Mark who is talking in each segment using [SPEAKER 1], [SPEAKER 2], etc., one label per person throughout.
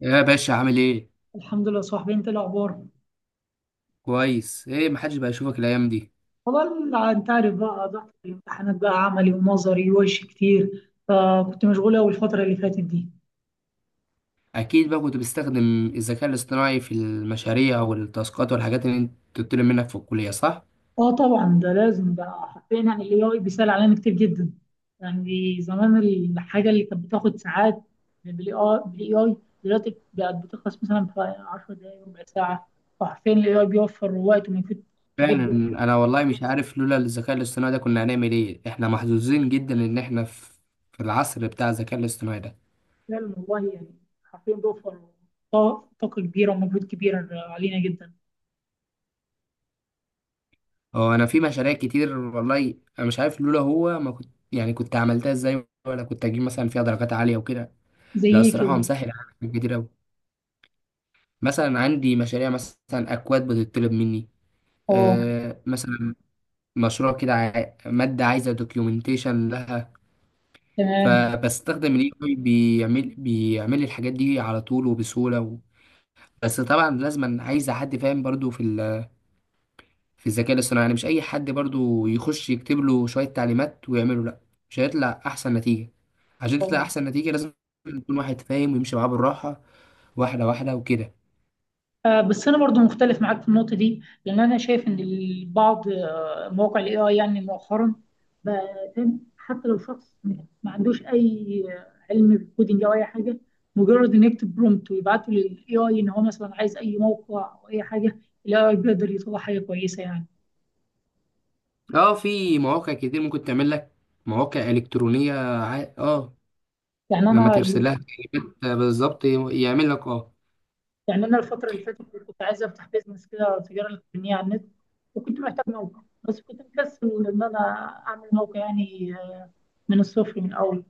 [SPEAKER 1] يا باشا عامل ايه؟
[SPEAKER 2] الحمد لله، صاحبي. انت إيه الاخبار؟
[SPEAKER 1] كويس. ايه محدش بقى يشوفك الايام دي؟
[SPEAKER 2] والله، انت عارف بقى ضغط الامتحانات بقى عملي ونظري ووش كتير، فكنت مشغول قوي الفتره اللي فاتت دي.
[SPEAKER 1] اكيد بقى كنت بتستخدم الذكاء الاصطناعي في المشاريع والتاسكات والحاجات اللي انت بتطلب منك في الكليه، صح؟
[SPEAKER 2] اه، طبعا، ده لازم بقى، حرفيا يعني الاي اي بيسهل علينا كتير جدا. يعني زمان الحاجه اللي كانت بتاخد ساعات بالاي اي دلوقتي بقت بتخلص مثلا في 10 دقائق ربع ساعه. فحرفيا الاي اي بيوفر وقت ومجهود كبير
[SPEAKER 1] فعلا.
[SPEAKER 2] جدا.
[SPEAKER 1] انا والله مش عارف لولا الذكاء الاصطناعي ده كنا هنعمل ايه، احنا محظوظين جدا ان احنا في العصر بتاع الذكاء الاصطناعي ده.
[SPEAKER 2] فعلا والله يعني حرفيا بيوفر طاقة كبيره ومجهود كبير علينا جدا.
[SPEAKER 1] هو انا في مشاريع كتير، والله انا مش عارف لولا هو ما كنت، يعني كنت عملتها ازاي، ولا كنت اجيب مثلا فيها درجات عاليه وكده.
[SPEAKER 2] زي
[SPEAKER 1] لا
[SPEAKER 2] ايه
[SPEAKER 1] الصراحه هو
[SPEAKER 2] كده؟
[SPEAKER 1] مسهل عليا حاجات كتير قوي. مثلا عندي مشاريع، مثلا اكواد بتطلب مني،
[SPEAKER 2] اه.
[SPEAKER 1] مثلا مشروع كده مادة عايزة دوكيومنتيشن لها.
[SPEAKER 2] تمام.
[SPEAKER 1] فبستخدم الاي اي، بيعمل لي الحاجات دي على طول وبسهولة و... بس طبعا لازم عايز حد فاهم برضو في ال... في الذكاء الاصطناعي، يعني مش اي حد برضو يخش يكتب له شوية تعليمات ويعمله، لا مش هيطلع احسن نتيجة. عشان تطلع
[SPEAKER 2] اه.
[SPEAKER 1] احسن نتيجة لازم يكون واحد فاهم ويمشي معاه بالراحة، واحدة واحدة وكده.
[SPEAKER 2] بس انا برضو مختلف معاك في النقطه دي، لان انا شايف ان البعض، مواقع الاي اي يعني مؤخرا بقى فاهم، حتى لو شخص ما عندوش اي علم بالكودينج او اي حاجه، مجرد ان يكتب برومبت ويبعته للاي اي ان هو مثلا عايز اي موقع او اي حاجه، الاي اي بيقدر يطلع حاجه كويسه يعني.
[SPEAKER 1] اه في مواقع كتير ممكن تعمل لك مواقع إلكترونية، اه
[SPEAKER 2] يعني
[SPEAKER 1] لما
[SPEAKER 2] انا
[SPEAKER 1] ترسلها كلمات بالظبط يعمل لك، اه
[SPEAKER 2] يعني انا الفتره اللي فاتت كنت عايز افتح بيزنس كده، تجاره الكترونيه على النت، وكنت محتاج موقع، بس كنت مكسل ان انا اعمل موقع يعني من الصفر من الاول،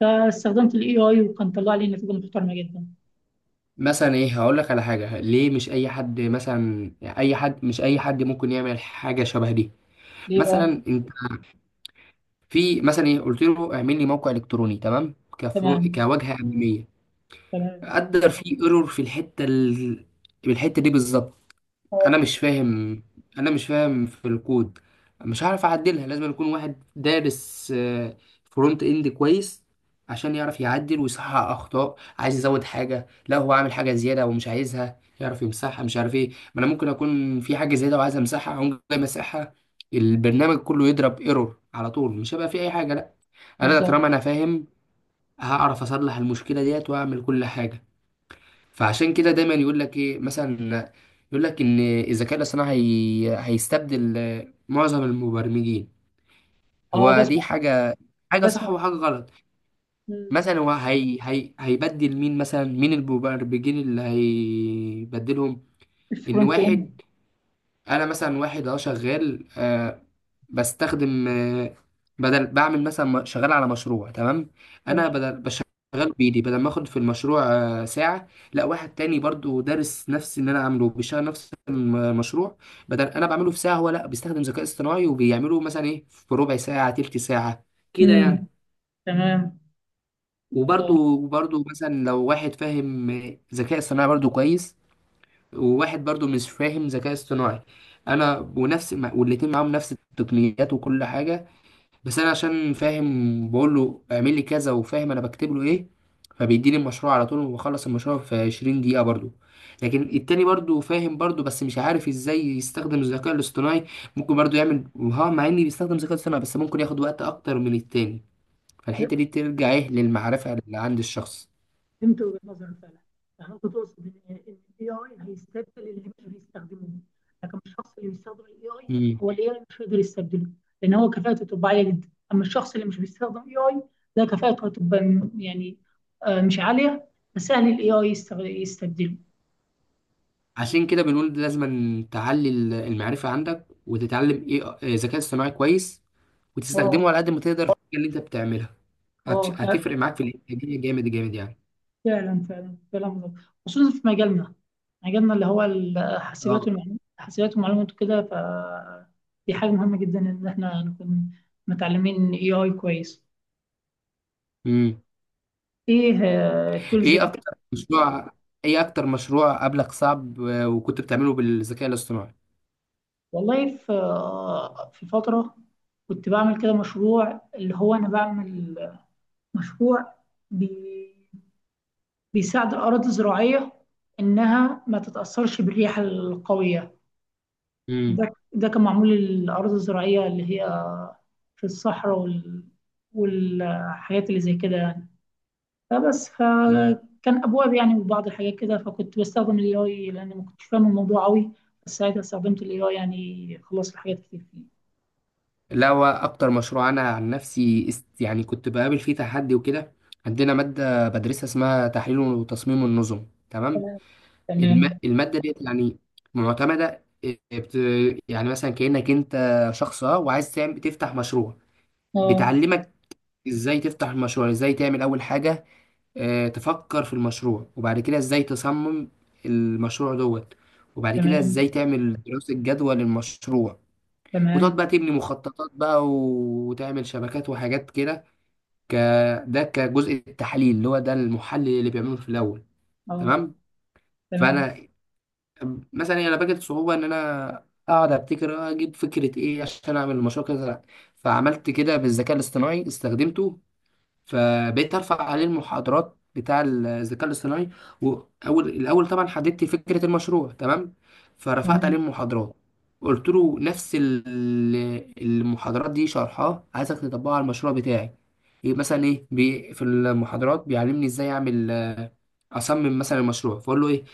[SPEAKER 2] فاستخدمت الاي اي وكان طلع لي نتيجه محترمه جدا.
[SPEAKER 1] مثلا ايه هقول لك على حاجه، ليه مش اي حد مثلا، اي حد مش اي حد ممكن يعمل حاجه شبه دي.
[SPEAKER 2] ليه بقى؟
[SPEAKER 1] مثلا انت في مثلا ايه، قلت له اعمل لي موقع الكتروني تمام كفرو
[SPEAKER 2] تمام.
[SPEAKER 1] كواجهه اماميه،
[SPEAKER 2] تمام.
[SPEAKER 1] قدر. في ايرور في الحته ال... في الحته دي بالظبط، انا
[SPEAKER 2] اه.
[SPEAKER 1] مش فاهم، انا مش فاهم في الكود، مش هعرف اعدلها. لازم يكون واحد دارس فرونت اند كويس عشان يعرف يعدل ويصحح اخطاء، عايز يزود حاجه، لا هو عامل حاجه زياده ومش عايزها، يعرف يمسحها، مش عارف ايه. ما انا ممكن اكون في حاجه زياده وعايز امسحها، اقوم جاي مسحها، البرنامج كله يضرب ايرور على طول، مش هيبقى فيه اي حاجه، لا. انا
[SPEAKER 2] بالظبط.
[SPEAKER 1] طالما انا فاهم هعرف اصلح المشكله ديت واعمل كل حاجه. فعشان كده دايما يقول لك ايه مثلا، يقول لك ان الذكاء الاصطناعي هيستبدل معظم المبرمجين،
[SPEAKER 2] اه.
[SPEAKER 1] هو دي
[SPEAKER 2] بسمع.
[SPEAKER 1] حاجه، حاجه صح
[SPEAKER 2] بسمع.
[SPEAKER 1] وحاجه غلط.
[SPEAKER 2] مم.
[SPEAKER 1] مثلا هو هيبدل مين؟ مثلا مين المبرمجين اللي هيبدلهم؟ ان
[SPEAKER 2] الفرونت
[SPEAKER 1] واحد،
[SPEAKER 2] اند.
[SPEAKER 1] انا مثلا واحد اه شغال، آه بستخدم آه، بدل بعمل مثلا م- شغال على مشروع تمام.
[SPEAKER 2] تمام.
[SPEAKER 1] انا بدل بشغل بايدي، بدل ما اخد في المشروع آه ساعه، لا واحد تاني برضو دارس نفس اللي انا عامله بيشتغل نفس المشروع، بدل انا بعمله في ساعه، هو لا بيستخدم ذكاء اصطناعي وبيعمله مثلا ايه في ربع ساعه، تلت ساعه، كده
[SPEAKER 2] مم.
[SPEAKER 1] يعني.
[SPEAKER 2] تمام. اه.
[SPEAKER 1] وبرضو مثلا لو واحد فاهم ذكاء اصطناعي برضو كويس، وواحد برضو مش فاهم ذكاء اصطناعي، انا ونفس والاتنين معاهم نفس التقنيات وكل حاجه، بس انا عشان فاهم بقول له اعمل لي كذا وفاهم انا بكتب له ايه، فبيديني المشروع على طول وبخلص المشروع في 20 دقيقه برضو. لكن التاني برضو فاهم برضو، بس مش عارف ازاي يستخدم الذكاء الاصطناعي، ممكن برضو يعمل ها مع اني بيستخدم الذكاء الاصطناعي، بس ممكن ياخد وقت اكتر من التاني. فالحته دي ترجع ايه للمعرفه اللي عند الشخص.
[SPEAKER 2] فهمت وجهة نظرك فعلا. يعني انت تقصد ان الاي اي هيستبدل اللي مش بيستخدموه، لكن الشخص اللي بيستخدم الاي اي، هو الاي اي مش هيقدر يستبدله، لان هو كفاءته تبقى عاليه جدا، اما الشخص اللي مش بيستخدم اي اي ده، كفاءته هتبقى يعني مش عاليه، فسهل الاي اي يستبدله.
[SPEAKER 1] عشان كده بنقول لازم تعلي المعرفة عندك وتتعلم ايه، ذكاء اصطناعي كويس، وتستخدمه
[SPEAKER 2] اه.
[SPEAKER 1] على قد ما تقدر في الحاجة اللي انت بتعملها.
[SPEAKER 2] اه.
[SPEAKER 1] هتفرق معاك في الانتاجية جامد جامد يعني.
[SPEAKER 2] فعلا، فعلا، كلام مظبوط، خصوصا في مجالنا، مجالنا اللي هو الحاسبات
[SPEAKER 1] اه.
[SPEAKER 2] والمعلومات، الحاسبات والمعلومات وكده. دي حاجة مهمة جدا إن إحنا نكون متعلمين اي اي كويس.
[SPEAKER 1] امم
[SPEAKER 2] إيه التولز
[SPEAKER 1] ايه
[SPEAKER 2] دي؟
[SPEAKER 1] اكتر مشروع، ايه اكتر مشروع قبلك صعب وكنت بتعمله بالذكاء الاصطناعي؟
[SPEAKER 2] والله، في فترة كنت بعمل كده مشروع، اللي هو أنا بعمل مشروع بي بيساعد الأراضي الزراعية إنها ما تتأثرش بالرياح القوية.
[SPEAKER 1] امم
[SPEAKER 2] ده كان معمول للأراضي الزراعية اللي هي في الصحراء والحاجات اللي زي كده يعني. فبس فكان ابواب يعني وبعض الحاجات كده، فكنت بستخدم الاي اي لان ما كنتش فاهم الموضوع قوي، بس ساعتها استخدمت الاي اي يعني خلصت حاجات كتير فيه.
[SPEAKER 1] لا هو اكتر مشروع انا عن نفسي يعني كنت بقابل فيه تحدي وكده، عندنا مادة بدرسها اسمها تحليل وتصميم النظم تمام.
[SPEAKER 2] تمام. تمام.
[SPEAKER 1] المادة ديت يعني معتمدة يعني مثلا كأنك انت شخص اه وعايز تعمل تفتح مشروع،
[SPEAKER 2] اه.
[SPEAKER 1] بتعلمك ازاي تفتح المشروع، ازاي تعمل اول حاجة، تفكر في المشروع، وبعد كده ازاي تصمم المشروع دوت، وبعد كده
[SPEAKER 2] تمام.
[SPEAKER 1] ازاي تعمل دراسة جدوى للمشروع، وتقعد
[SPEAKER 2] تمام.
[SPEAKER 1] بقى تبني مخططات بقى وتعمل شبكات وحاجات كده. ك... ده كجزء التحليل اللي هو ده المحلل اللي بيعمله في الاول،
[SPEAKER 2] اه.
[SPEAKER 1] تمام.
[SPEAKER 2] تمام.
[SPEAKER 1] فانا طب مثلا انا واجهت صعوبه ان انا اقعد ابتكر اجيب فكره ايه عشان اعمل المشروع كذا، لأ. فعملت كده بالذكاء الاصطناعي، استخدمته، فبقيت ارفع عليه المحاضرات بتاع الذكاء الاصطناعي، واول الاول طبعا حددت فكره المشروع تمام، فرفعت عليه
[SPEAKER 2] تمام.
[SPEAKER 1] المحاضرات. قلت له نفس المحاضرات دي شرحها عايزك تطبقها على المشروع بتاعي، ايه مثلا ايه بي في المحاضرات بيعلمني ازاي اعمل، اصمم مثلا المشروع، فاقول له ايه،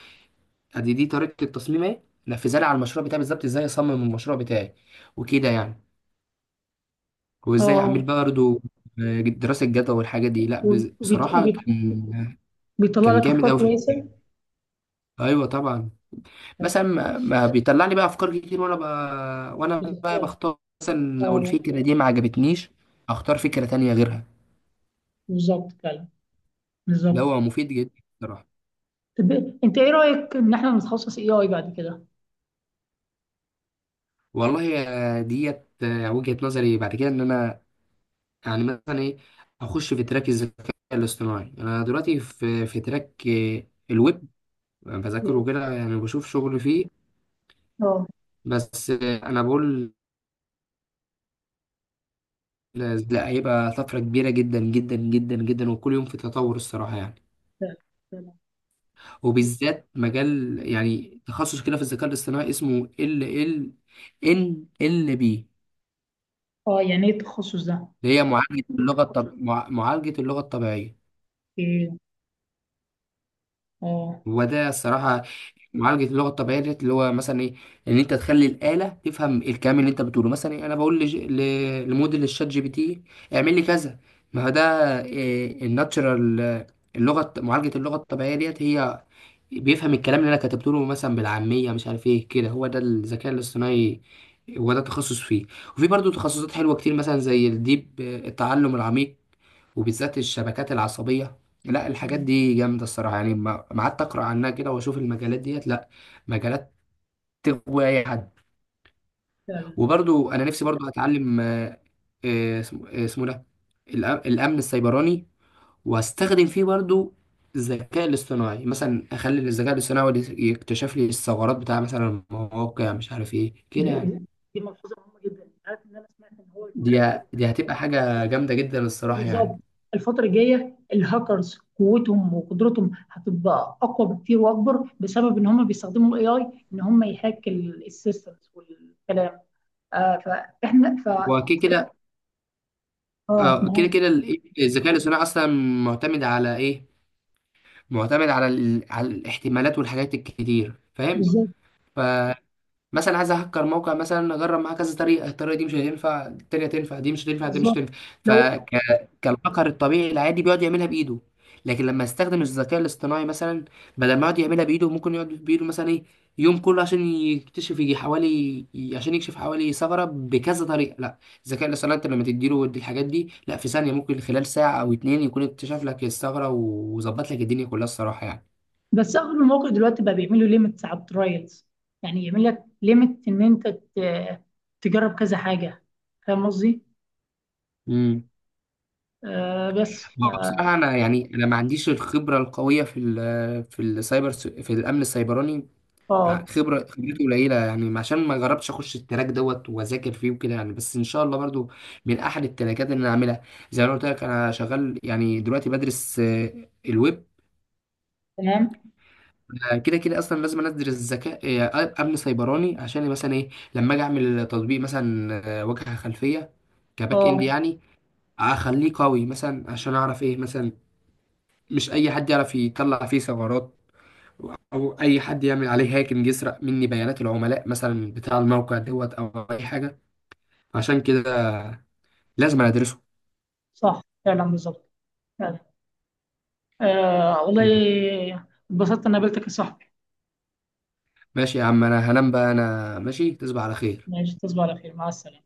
[SPEAKER 1] ادي دي طريقة التصميم اهي، نفذها لي على المشروع بتاعي بالظبط، ازاي اصمم المشروع بتاعي وكده يعني، وازاي اعمل
[SPEAKER 2] اه.
[SPEAKER 1] بقى برضه دراسة جدوى والحاجات دي. لا
[SPEAKER 2] وبيت...
[SPEAKER 1] بصراحة
[SPEAKER 2] وبيت...
[SPEAKER 1] كان،
[SPEAKER 2] بيطلع
[SPEAKER 1] كان
[SPEAKER 2] لك
[SPEAKER 1] جامد
[SPEAKER 2] افكار
[SPEAKER 1] قوي في
[SPEAKER 2] كويسه.
[SPEAKER 1] الحكاية. ايوه طبعا مثلا ما بيطلع لي بقى افكار كتير، وانا بقى
[SPEAKER 2] بتختار.
[SPEAKER 1] بختار مثلا، لو
[SPEAKER 2] اه.
[SPEAKER 1] الفكرة دي ما عجبتنيش اختار فكرة تانية غيرها،
[SPEAKER 2] بالظبط، فعلا،
[SPEAKER 1] اللي
[SPEAKER 2] بالظبط.
[SPEAKER 1] هو مفيد جدا بصراحة.
[SPEAKER 2] طب، انت ايه رايك ان احنا نتخصص اي اي بعد كده؟
[SPEAKER 1] والله ديت وجهة نظري بعد كده ان انا يعني مثلا ايه اخش في تراك الذكاء الاصطناعي، انا دلوقتي في تراك الويب، أنا بذاكره
[SPEAKER 2] إيه؟
[SPEAKER 1] كده يعني بشوف شغل فيه،
[SPEAKER 2] اه.
[SPEAKER 1] بس انا بقول لا هيبقى طفرة كبيرة جدا جدا جدا جدا، وكل يوم في تطور الصراحة يعني.
[SPEAKER 2] فعلا. فعلا.
[SPEAKER 1] وبالذات مجال يعني تخصص كده في الذكاء الاصطناعي اسمه ال ان ال بي،
[SPEAKER 2] اه. يعني ايه التخصص ده؟
[SPEAKER 1] اللي هي معالجة اللغة الطبيعية.
[SPEAKER 2] ايه. اه.
[SPEAKER 1] وده الصراحة معالجة اللغة الطبيعية ديت اللي هو مثلا ايه، ان انت تخلي الآلة تفهم الكلام اللي انت بتقوله، مثلا إيه انا بقول لموديل الشات جي بي تي اعمل لي كذا، ما هو ده إيه، الناتشرال، معالجة اللغة الطبيعية ديت، هي بيفهم الكلام اللي انا كتبته له مثلا بالعامية، مش عارف ايه كده، هو ده الذكاء الاصطناعي، هو ده التخصص فيه. وفي برضه تخصصات حلوة كتير، مثلا زي الديب، التعلم العميق، وبالذات الشبكات العصبية، لا الحاجات
[SPEAKER 2] اه.
[SPEAKER 1] دي جامدة الصراحة يعني، ما قعدت أقرأ عنها كده وأشوف المجالات ديت، لا مجالات تغوي أي حد.
[SPEAKER 2] فعلا، فعلا.
[SPEAKER 1] وبرضو أنا نفسي برضو أتعلم اسمه ده الأمن السيبراني، وأستخدم فيه برضو الذكاء الاصطناعي، مثلا أخلي الذكاء الاصطناعي هو اللي يكتشف لي الثغرات بتاع مثلا المواقع، مش عارف إيه كده
[SPEAKER 2] دي
[SPEAKER 1] يعني،
[SPEAKER 2] دي ملحوظه مهمه جدا. عارف ان انا سمعت ان هو الفتره
[SPEAKER 1] دي
[SPEAKER 2] الجايه.
[SPEAKER 1] دي هتبقى حاجة جامدة جدا الصراحة يعني.
[SPEAKER 2] بالظبط. الفتره الجايه الهاكرز قوتهم وقدرتهم هتبقى اقوى بكتير واكبر، بسبب ان هم بيستخدموا الاي اي، ان هم يهاك السيستمز والكلام. آه. فاحنا
[SPEAKER 1] وأكيد كده.
[SPEAKER 2] اه،
[SPEAKER 1] اه كده
[SPEAKER 2] معاك.
[SPEAKER 1] كده الذكاء الاصطناعي اصلا معتمد على ايه؟ معتمد على ال... على الاحتمالات والحاجات الكتير، فاهم؟
[SPEAKER 2] بالظبط.
[SPEAKER 1] ف مثلا عايز اهكر موقع، مثلا اجرب معاه كذا طريقه، الطريقه دي مش هتنفع، التانيه تنفع، دي مش هتنفع، دي مش
[SPEAKER 2] بالظبط.
[SPEAKER 1] هتنفع،
[SPEAKER 2] لو
[SPEAKER 1] فك كالهكر الطبيعي العادي بيقعد يعملها بايده. لكن لما استخدم الذكاء الاصطناعي مثلا، بدل ما يقعد يعملها بايده ممكن يقعد بايده مثلا ايه، يوم كله عشان يكتشف، يجي حوالي، عشان يكشف حوالي ثغره بكذا طريقه، لا الذكاء الاصطناعي انت لما تديله دي الحاجات دي، لا في ثانيه، ممكن خلال ساعه او اتنين يكون اكتشف لك الثغره وظبط لك الدنيا كلها الصراحه
[SPEAKER 2] بس اغلب المواقع دلوقتي بقى بيعملوا ليميتس على الترايلز. يعني يعمل لك ليميت ان انت تجرب كذا حاجه. فاهم قصدي؟
[SPEAKER 1] يعني.
[SPEAKER 2] آه، بس
[SPEAKER 1] هو
[SPEAKER 2] اه.
[SPEAKER 1] بصراحة أنا يعني أنا ما عنديش الخبرة القوية في ال في السايبر في الأمن السيبراني،
[SPEAKER 2] آه،
[SPEAKER 1] خبرة خبرتي قليلة يعني عشان ما جربتش أخش التراك دوت وأذاكر فيه وكده يعني، بس إن شاء الله برضو من أحد التراكات اللي أنا أعملها، زي ما أنا قلت لك أنا شغال، يعني دلوقتي بدرس الويب.
[SPEAKER 2] تمام.
[SPEAKER 1] أنا كده كده أصلا لازم أنا أدرس ذكاء أمن سيبراني، عشان مثلا إيه لما أجي أعمل تطبيق مثلا واجهة خلفية، كباك إند
[SPEAKER 2] اه.
[SPEAKER 1] يعني، أخليه قوي، مثلا عشان أعرف إيه مثلا مش اي حد يعرف يطلع فيه ثغرات، او اي حد يعمل عليه هاكينج يسرق مني بيانات العملاء مثلا بتاع الموقع دوت او اي حاجه، عشان كده لازم أنا ادرسه.
[SPEAKER 2] صح، فعلا، بالظبط، فعلا. آه
[SPEAKER 1] مم.
[SPEAKER 2] والله، اتبسطت ان قابلتك يا صاحبي.
[SPEAKER 1] ماشي يا عم، انا هنام بقى، انا ماشي، تصبح على خير.
[SPEAKER 2] ماشي، تصبح على خير، مع السلامه.